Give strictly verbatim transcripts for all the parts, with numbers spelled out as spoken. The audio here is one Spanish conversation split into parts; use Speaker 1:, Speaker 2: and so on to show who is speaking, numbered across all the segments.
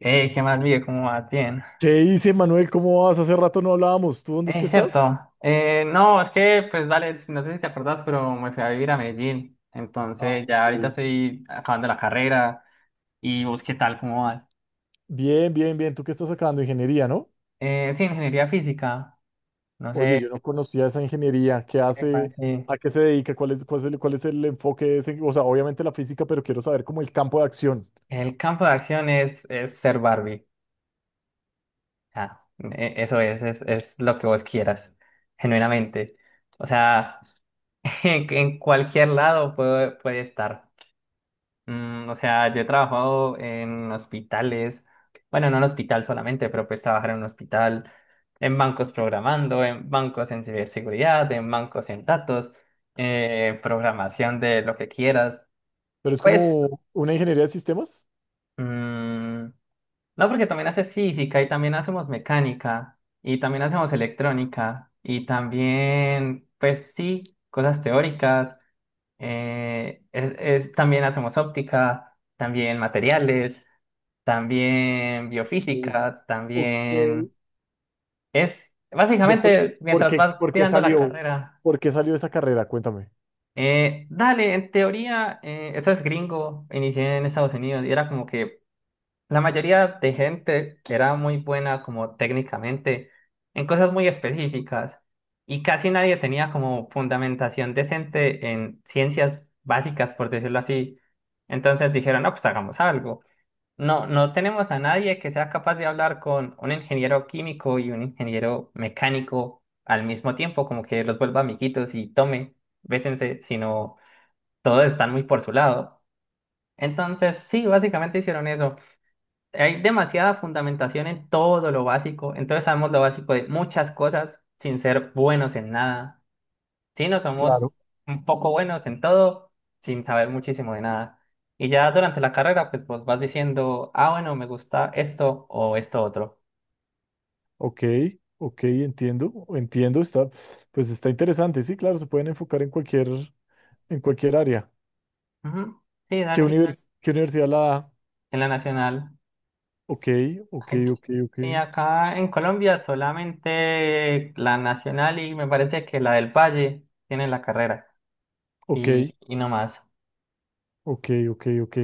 Speaker 1: Hey, ¿qué más, Miguel? ¿Cómo vas? Bien.
Speaker 2: ¿Qué dice Manuel? ¿Cómo vas? Hace rato no hablábamos. ¿Tú dónde es que
Speaker 1: Es
Speaker 2: estás?
Speaker 1: cierto. Eh, no, es que, pues dale, no sé si te acordás, pero me fui a vivir a Medellín.
Speaker 2: Ah,
Speaker 1: Entonces, ya
Speaker 2: ok.
Speaker 1: ahorita estoy acabando la carrera y vos qué tal, cómo vas.
Speaker 2: Bien, bien, bien. ¿Tú qué estás sacando? Ingeniería, ¿no?
Speaker 1: Eh, sí, ingeniería física. No
Speaker 2: Oye, yo
Speaker 1: sé,
Speaker 2: no conocía esa ingeniería. ¿Qué
Speaker 1: epa,
Speaker 2: hace?
Speaker 1: sí.
Speaker 2: ¿A qué se dedica? ¿Cuál es, cuál es el, cuál es el enfoque de ese? O sea, obviamente la física, pero quiero saber como el campo de acción.
Speaker 1: El campo de acción es, es ser Barbie. Ah, e- eso es, es, es lo que vos quieras, genuinamente. O sea, en, en cualquier lado puede, puede estar. Mm, o sea, yo he trabajado en hospitales, bueno, no en hospital solamente, pero pues trabajar en un hospital, en bancos programando, en bancos en ciberseguridad, en bancos en datos, eh, programación de lo que quieras.
Speaker 2: Pero es
Speaker 1: Pues,
Speaker 2: como una ingeniería de sistemas.
Speaker 1: mm, no, porque también haces física y también hacemos mecánica y también hacemos electrónica y también, pues sí, cosas teóricas, eh, es- es- también hacemos óptica, también materiales. También
Speaker 2: Sí.
Speaker 1: biofísica,
Speaker 2: Ok.
Speaker 1: también es
Speaker 2: De por,
Speaker 1: básicamente
Speaker 2: por
Speaker 1: mientras
Speaker 2: qué,
Speaker 1: vas
Speaker 2: por qué
Speaker 1: tirando la
Speaker 2: salió?
Speaker 1: carrera.
Speaker 2: ¿Por qué salió esa carrera? Cuéntame.
Speaker 1: Eh, dale, en teoría, eh, eso es gringo, inicié en Estados Unidos y era como que la mayoría de gente era muy buena como técnicamente en cosas muy específicas y casi nadie tenía como fundamentación decente en ciencias básicas, por decirlo así. Entonces dijeron, no, pues hagamos algo. No, no tenemos a nadie que sea capaz de hablar con un ingeniero químico y un ingeniero mecánico al mismo tiempo, como que los vuelva amiguitos y tomen, vétense, sino todos están muy por su lado. Entonces, sí, básicamente hicieron eso. Hay demasiada fundamentación en todo lo básico, entonces sabemos lo básico de muchas cosas sin ser buenos en nada. Sí, no somos
Speaker 2: Claro.
Speaker 1: un poco buenos en todo, sin saber muchísimo de nada. Y ya durante la carrera, pues vos vas diciendo, ah, bueno, me gusta esto o esto otro.
Speaker 2: Ok, ok, entiendo, entiendo, está, pues está interesante, sí, claro, se pueden enfocar en cualquier, en cualquier área.
Speaker 1: Ujú. Sí,
Speaker 2: ¿Qué Exacto.
Speaker 1: dale,
Speaker 2: univers- qué universidad la da?
Speaker 1: en la nacional.
Speaker 2: Ok, ok,
Speaker 1: Aquí-
Speaker 2: ok, ok,
Speaker 1: y acá en Colombia solamente la nacional y me parece que la del Valle tiene la carrera
Speaker 2: ok,
Speaker 1: y, y no más.
Speaker 2: ok, ok, ok.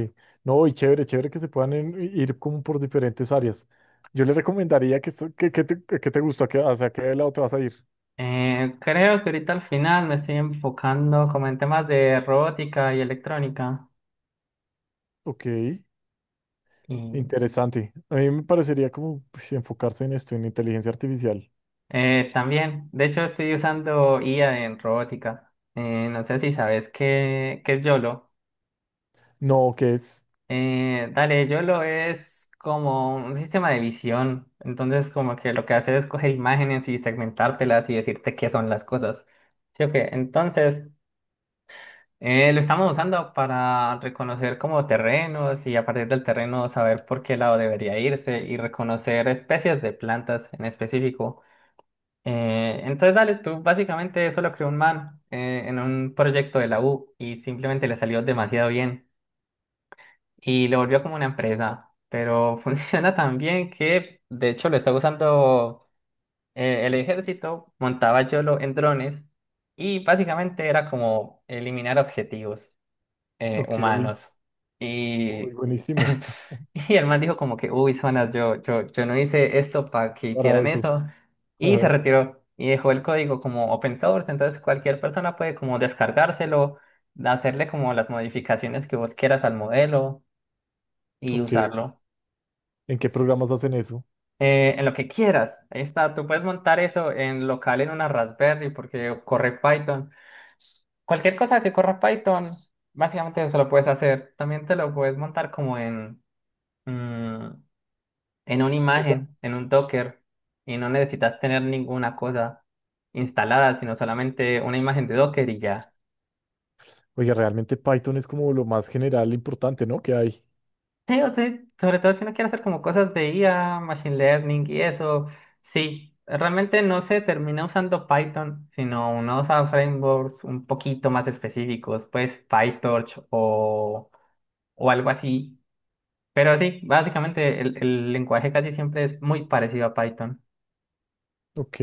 Speaker 2: No, y chévere, chévere que se puedan en- ir como por diferentes áreas. Yo les recomendaría que, esto- que, que te, que te gusta, que, hacia qué lado te vas a ir.
Speaker 1: Eh, creo que ahorita al final me estoy enfocando como en temas de robótica y electrónica.
Speaker 2: Ok,
Speaker 1: Y
Speaker 2: interesante. A mí me parecería como pues, enfocarse en esto, en inteligencia artificial.
Speaker 1: Eh, también, de hecho estoy usando i a en robótica. Eh, no sé si sabes qué, qué es YOLO.
Speaker 2: No, ¿qué es?
Speaker 1: Eh, dale, YOLO es como un sistema de visión. Entonces, como que lo que hace es coger imágenes y segmentártelas y decirte qué son las cosas. ¿Sí o qué? Entonces, eh, lo estamos usando para reconocer como terrenos y a partir del terreno saber por qué lado debería irse y reconocer especies de plantas en específico. Eh, entonces, dale, tú básicamente eso lo creó un man eh, en un proyecto de la U y simplemente le salió demasiado bien y lo volvió como una empresa, pero funciona tan bien que de hecho lo está usando eh, el ejército, montaba YOLO en drones y básicamente era como eliminar objetivos eh,
Speaker 2: Ok,
Speaker 1: humanos.
Speaker 2: uy,
Speaker 1: Y,
Speaker 2: buenísimo
Speaker 1: y el man dijo como que, uy, zonas, yo, yo, yo no hice esto para que
Speaker 2: para
Speaker 1: hicieran
Speaker 2: eso.
Speaker 1: eso. Y se
Speaker 2: Ajá,
Speaker 1: retiró y dejó el código como open source. Entonces cualquier persona puede como descargárselo, hacerle como las modificaciones que vos quieras al modelo y
Speaker 2: Ok,
Speaker 1: usarlo.
Speaker 2: ¿en qué programas hacen eso?
Speaker 1: Eh, en lo que quieras, ahí está. Tú puedes montar eso en local en una Raspberry porque corre Python. Cualquier cosa que corra Python, básicamente eso lo puedes hacer. También te lo puedes montar como en, mm, en una
Speaker 2: Oiga,
Speaker 1: imagen, en un Docker, y no necesitas tener ninguna cosa instalada, sino solamente una imagen de Docker y ya.
Speaker 2: Oiga, realmente Python es como lo más general importante, ¿no? Que hay.
Speaker 1: Sí, o sea, sobre todo si uno quiere hacer como cosas de i a, machine learning y eso, sí, realmente no se termina usando Python, sino uno usa frameworks un poquito más específicos, pues PyTorch o, o algo así. Pero sí, básicamente el el lenguaje casi siempre es muy parecido a Python.
Speaker 2: Ok,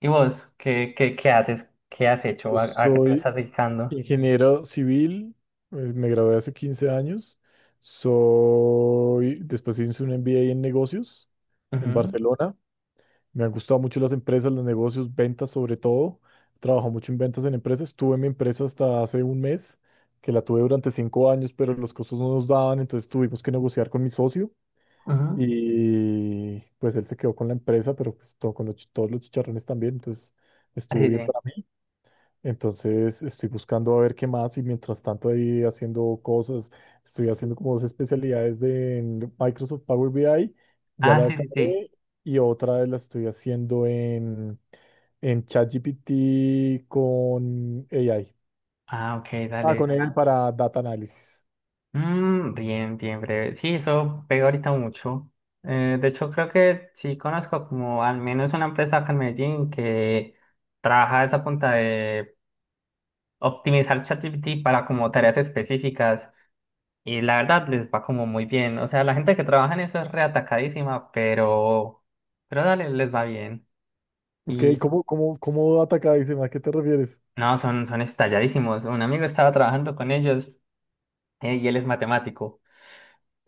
Speaker 1: ¿Y vos qué, qué, qué haces? ¿Qué has hecho?
Speaker 2: yo
Speaker 1: ¿A, a qué te
Speaker 2: soy
Speaker 1: estás dedicando?
Speaker 2: ingeniero civil, eh, me gradué hace quince años, soy, después hice un M B A en negocios en
Speaker 1: Ujú,
Speaker 2: Barcelona, me han gustado mucho las empresas, los negocios, ventas sobre todo, trabajo mucho en ventas en empresas, estuve en mi empresa hasta hace un mes, que la tuve durante cinco años, pero los costos no nos daban, entonces tuvimos que negociar con mi socio.
Speaker 1: ujú.
Speaker 2: Y pues él se quedó con la empresa, pero pues todo, con los, chi- todos los chicharrones también, entonces
Speaker 1: Ah,
Speaker 2: estuvo
Speaker 1: sí,
Speaker 2: bien
Speaker 1: sí.
Speaker 2: para mí. Entonces estoy buscando a ver qué más y mientras tanto ahí haciendo cosas, estoy haciendo como dos especialidades de en Microsoft Power B I, ya
Speaker 1: Ah,
Speaker 2: la
Speaker 1: sí, sí, sí.
Speaker 2: acabé y otra la estoy haciendo en, en ChatGPT con A I.
Speaker 1: Ah, ok,
Speaker 2: Ah,
Speaker 1: dale.
Speaker 2: con A I para data análisis.
Speaker 1: Mm, bien, bien breve. Sí, eso pega ahorita mucho. Eh, de hecho, creo que sí conozco como al menos una empresa acá en Medellín que trabaja a esa punta de optimizar ChatGPT para como tareas específicas y la verdad les va como muy bien. O sea, la gente que trabaja en eso es reatacadísima, pero, pero dale, les va bien.
Speaker 2: Ok,
Speaker 1: Y
Speaker 2: ¿cómo, cómo, cómo data acá? Dice, ¿a qué te refieres?
Speaker 1: no, son, son estalladísimos. Un amigo estaba trabajando con ellos eh, y él es matemático.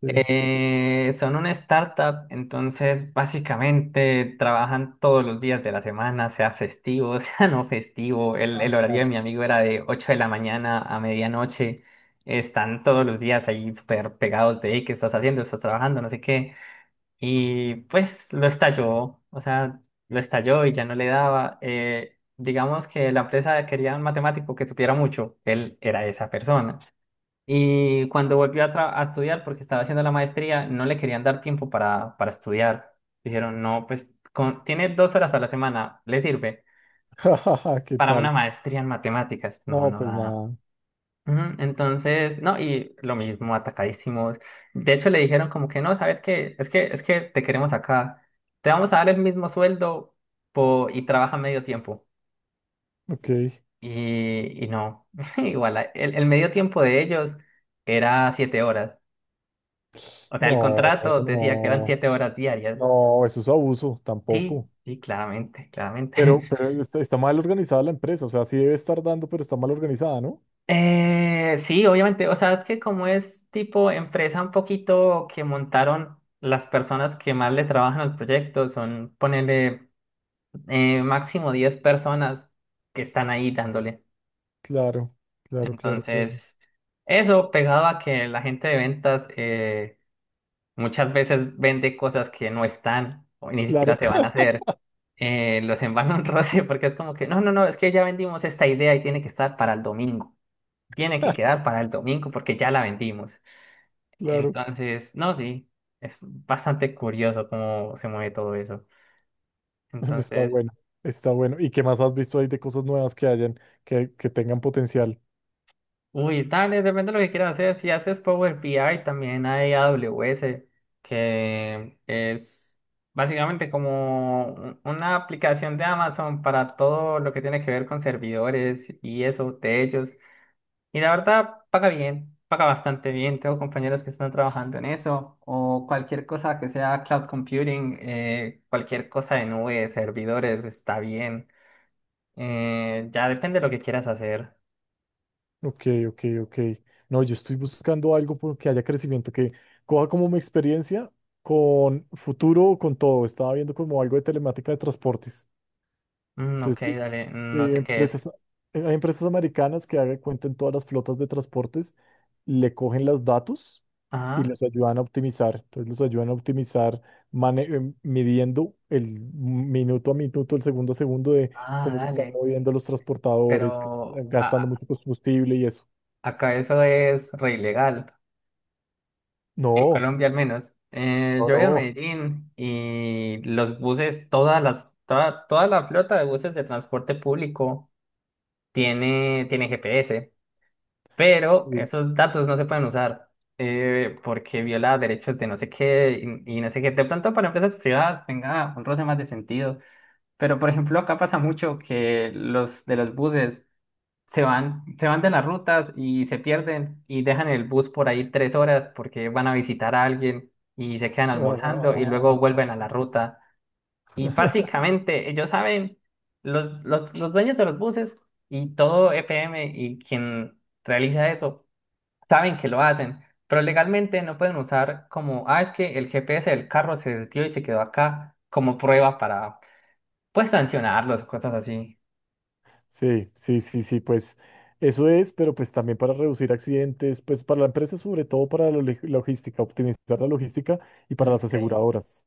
Speaker 2: Sí.
Speaker 1: Eh, son una startup, entonces básicamente trabajan todos los días de la semana, sea festivo, sea no festivo. El,
Speaker 2: Ah,
Speaker 1: el horario de
Speaker 2: claro.
Speaker 1: mi amigo era de ocho de la mañana a medianoche. Están todos los días ahí súper pegados de, "Ey, ¿qué estás haciendo? ¿Estás trabajando? No sé qué". Y pues lo estalló, o sea, lo estalló y ya no le daba. Eh, digamos que la empresa quería un matemático que supiera mucho, él era esa persona. Y cuando volvió a, tra- a estudiar, porque estaba haciendo la maestría, no le querían dar tiempo para, para estudiar. Dijeron, no, pues con- tiene dos horas a la semana, le sirve
Speaker 2: ¿Qué
Speaker 1: para
Speaker 2: tal?
Speaker 1: una maestría en matemáticas. No,
Speaker 2: No,
Speaker 1: no
Speaker 2: pues
Speaker 1: da.
Speaker 2: nada.
Speaker 1: Ujú. Entonces, no, y lo mismo, atacadísimos. De hecho, le dijeron como que no, ¿sabes qué? Es que, es que te queremos acá. Te vamos a dar el mismo sueldo po- y trabaja medio tiempo.
Speaker 2: Ok.
Speaker 1: Y, y no, igual, a- el, el medio tiempo de ellos era siete horas. O sea, el
Speaker 2: No,
Speaker 1: contrato decía que eran
Speaker 2: no,
Speaker 1: siete horas diarias.
Speaker 2: no, eso es abuso, tampoco.
Speaker 1: Sí, sí, claramente, claramente.
Speaker 2: Pero, pero está, está mal organizada la empresa, o sea, sí debe estar dando, pero está mal organizada, ¿no?
Speaker 1: Eh, sí, obviamente, o sea, es que como es tipo empresa un poquito que montaron las personas que más le trabajan al proyecto, son ponerle máximo diez personas que están ahí dándole.
Speaker 2: Claro, claro, claro, claro.
Speaker 1: Entonces, eso pegado a que la gente de ventas eh, muchas veces vende cosas que no están o ni
Speaker 2: Claro,
Speaker 1: siquiera se van a hacer, eh, los envano un roce porque es como que, no, no, no, es que ya vendimos esta idea y tiene que estar para el domingo, tiene que quedar para el domingo porque ya la vendimos.
Speaker 2: claro.
Speaker 1: Entonces, no, sí, es bastante curioso cómo se mueve todo eso.
Speaker 2: Está
Speaker 1: Entonces,
Speaker 2: bueno, está bueno. ¿Y qué más has visto ahí de cosas nuevas que hayan, que, que tengan potencial?
Speaker 1: uy, dale, depende de lo que quieras hacer. Si haces Power B I, también hay A W S, que es básicamente como un- una aplicación de Amazon para todo lo que tiene que ver con servidores y eso, de. Y la verdad, paga bien, paga bastante bien. Tengo compañeros que están trabajando en eso, o cualquier cosa que sea cloud computing, eh, cualquier cosa de nube, servidores, está bien. Eh, ya depende de lo que quieras hacer.
Speaker 2: Ok, ok, ok. No, yo estoy buscando algo por que haya crecimiento, que coja como mi experiencia con futuro, con todo. Estaba viendo como algo de telemática de transportes.
Speaker 1: Mm, ok,
Speaker 2: Entonces, que
Speaker 1: dale, no
Speaker 2: eh,
Speaker 1: sé qué es.
Speaker 2: empresas, eh, hay empresas americanas que hagan cuenta en todas las flotas de transportes, le cogen los datos y
Speaker 1: Ah,
Speaker 2: les ayudan a optimizar. Entonces, los ayudan a optimizar mane- em, midiendo el minuto a minuto, el segundo a segundo de cómo se
Speaker 1: ah,
Speaker 2: están
Speaker 1: dale.
Speaker 2: moviendo los transportadores, que
Speaker 1: Pero
Speaker 2: están gastando
Speaker 1: a-
Speaker 2: mucho combustible y eso.
Speaker 1: Acá eso es re ilegal, en
Speaker 2: No.
Speaker 1: Colombia al menos. Eh,
Speaker 2: No,
Speaker 1: yo voy a
Speaker 2: no.
Speaker 1: Medellín y los buses, todas las, toda, toda la flota de buses de transporte público tiene, tiene G P S, pero
Speaker 2: Sí.
Speaker 1: esos datos no se pueden usar eh, porque viola derechos de no sé qué y, y no sé qué. De pronto para empresas privadas tenga un roce más de sentido, pero por ejemplo acá pasa mucho que los de los buses se van, se van de las rutas y se pierden y dejan el bus por ahí tres horas porque van a visitar a alguien y se quedan
Speaker 2: Ah, ah,
Speaker 1: almorzando y luego
Speaker 2: ah,
Speaker 1: vuelven
Speaker 2: ah,
Speaker 1: a la
Speaker 2: ah,
Speaker 1: ruta. Y
Speaker 2: ah.
Speaker 1: básicamente ellos saben, los, los, los dueños de los buses y todo E P M y quien realiza eso, saben que lo hacen, pero legalmente no pueden usar como, ah, es que el G P S del carro se desvió y se quedó acá como prueba para, pues, sancionarlos o cosas así.
Speaker 2: Sí, sí, sí, sí, pues eso es, pero pues también para reducir accidentes, pues para la empresa, sobre todo para la log- logística, optimizar la logística y para
Speaker 1: Mm,
Speaker 2: las
Speaker 1: ok.
Speaker 2: aseguradoras.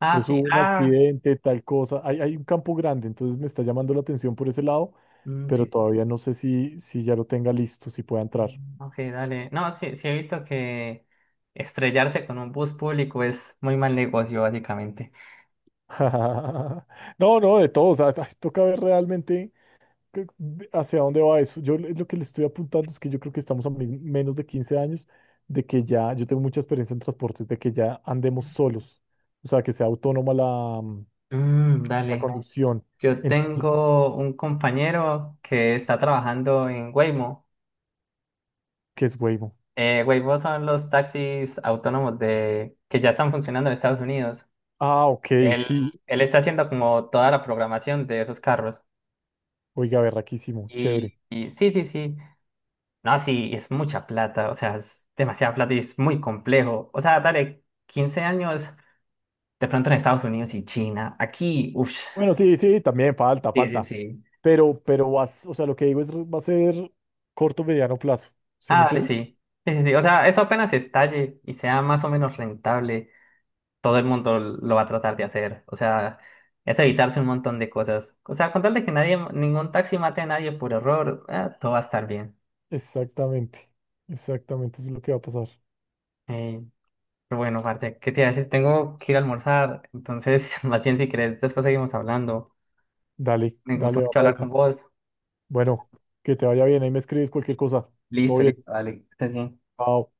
Speaker 1: Ah,
Speaker 2: Entonces hubo
Speaker 1: sí,
Speaker 2: un
Speaker 1: ah,
Speaker 2: accidente, tal cosa, hay, hay un campo grande, entonces me está llamando la atención por ese lado,
Speaker 1: mm,
Speaker 2: pero
Speaker 1: sí.
Speaker 2: todavía no sé si, si ya lo tenga listo, si pueda entrar.
Speaker 1: Mm, ok, dale. No, sí, sí he visto que estrellarse con un bus público es muy mal negocio, básicamente.
Speaker 2: No, no, de todo, o sea, toca ver realmente. que- ¿Hacia dónde va eso? Yo le- lo que le estoy apuntando es que yo creo que estamos a mis- menos de quince años de que ya, yo tengo mucha experiencia en transportes, de que ya andemos solos, o sea, que sea autónoma la, mm,
Speaker 1: Mm,
Speaker 2: la
Speaker 1: dale.
Speaker 2: conducción.
Speaker 1: Yo
Speaker 2: Entonces,
Speaker 1: tengo un compañero que está trabajando en Waymo.
Speaker 2: ¿qué es Waymo?
Speaker 1: Eh, Waymo son los taxis autónomos de, que ya están funcionando en Estados Unidos.
Speaker 2: Ah, ok,
Speaker 1: Él,
Speaker 2: sí,
Speaker 1: Él está haciendo como toda la programación de esos carros.
Speaker 2: oiga, berraquísimo, chévere.
Speaker 1: Y, y sí, sí, sí. No, sí, es mucha plata. O sea, es demasiada plata y es muy complejo. O sea, dale quince años de pronto en Estados Unidos y China. Aquí, uff.
Speaker 2: Bueno, sí, sí, también falta,
Speaker 1: Sí, sí,
Speaker 2: falta,
Speaker 1: sí.
Speaker 2: pero, pero vas, o sea, lo que digo es, va a ser corto, mediano plazo, ¿sí me
Speaker 1: Ah, dale,
Speaker 2: entiendes?
Speaker 1: sí. Sí, sí, sí. O sea, eso apenas estalle y sea más o menos rentable, todo el mundo lo va a tratar de hacer. O sea, es evitarse un montón de cosas. O sea, con tal de que nadie, ningún taxi mate a nadie por error, eh, todo va a estar bien.
Speaker 2: Exactamente, exactamente, eso es lo que va a pasar.
Speaker 1: Eh, pero bueno, Marte, ¿qué te iba a decir? Tengo que ir a almorzar, entonces, más bien si querés, después seguimos hablando.
Speaker 2: Dale,
Speaker 1: Me gustó
Speaker 2: dale, va
Speaker 1: mucho
Speaker 2: para
Speaker 1: hablar con
Speaker 2: eso.
Speaker 1: vos.
Speaker 2: Bueno, que te vaya bien, ahí me escribes cualquier cosa. Todo
Speaker 1: Listo,
Speaker 2: bien.
Speaker 1: listo, dale, que estés bien.
Speaker 2: Chao.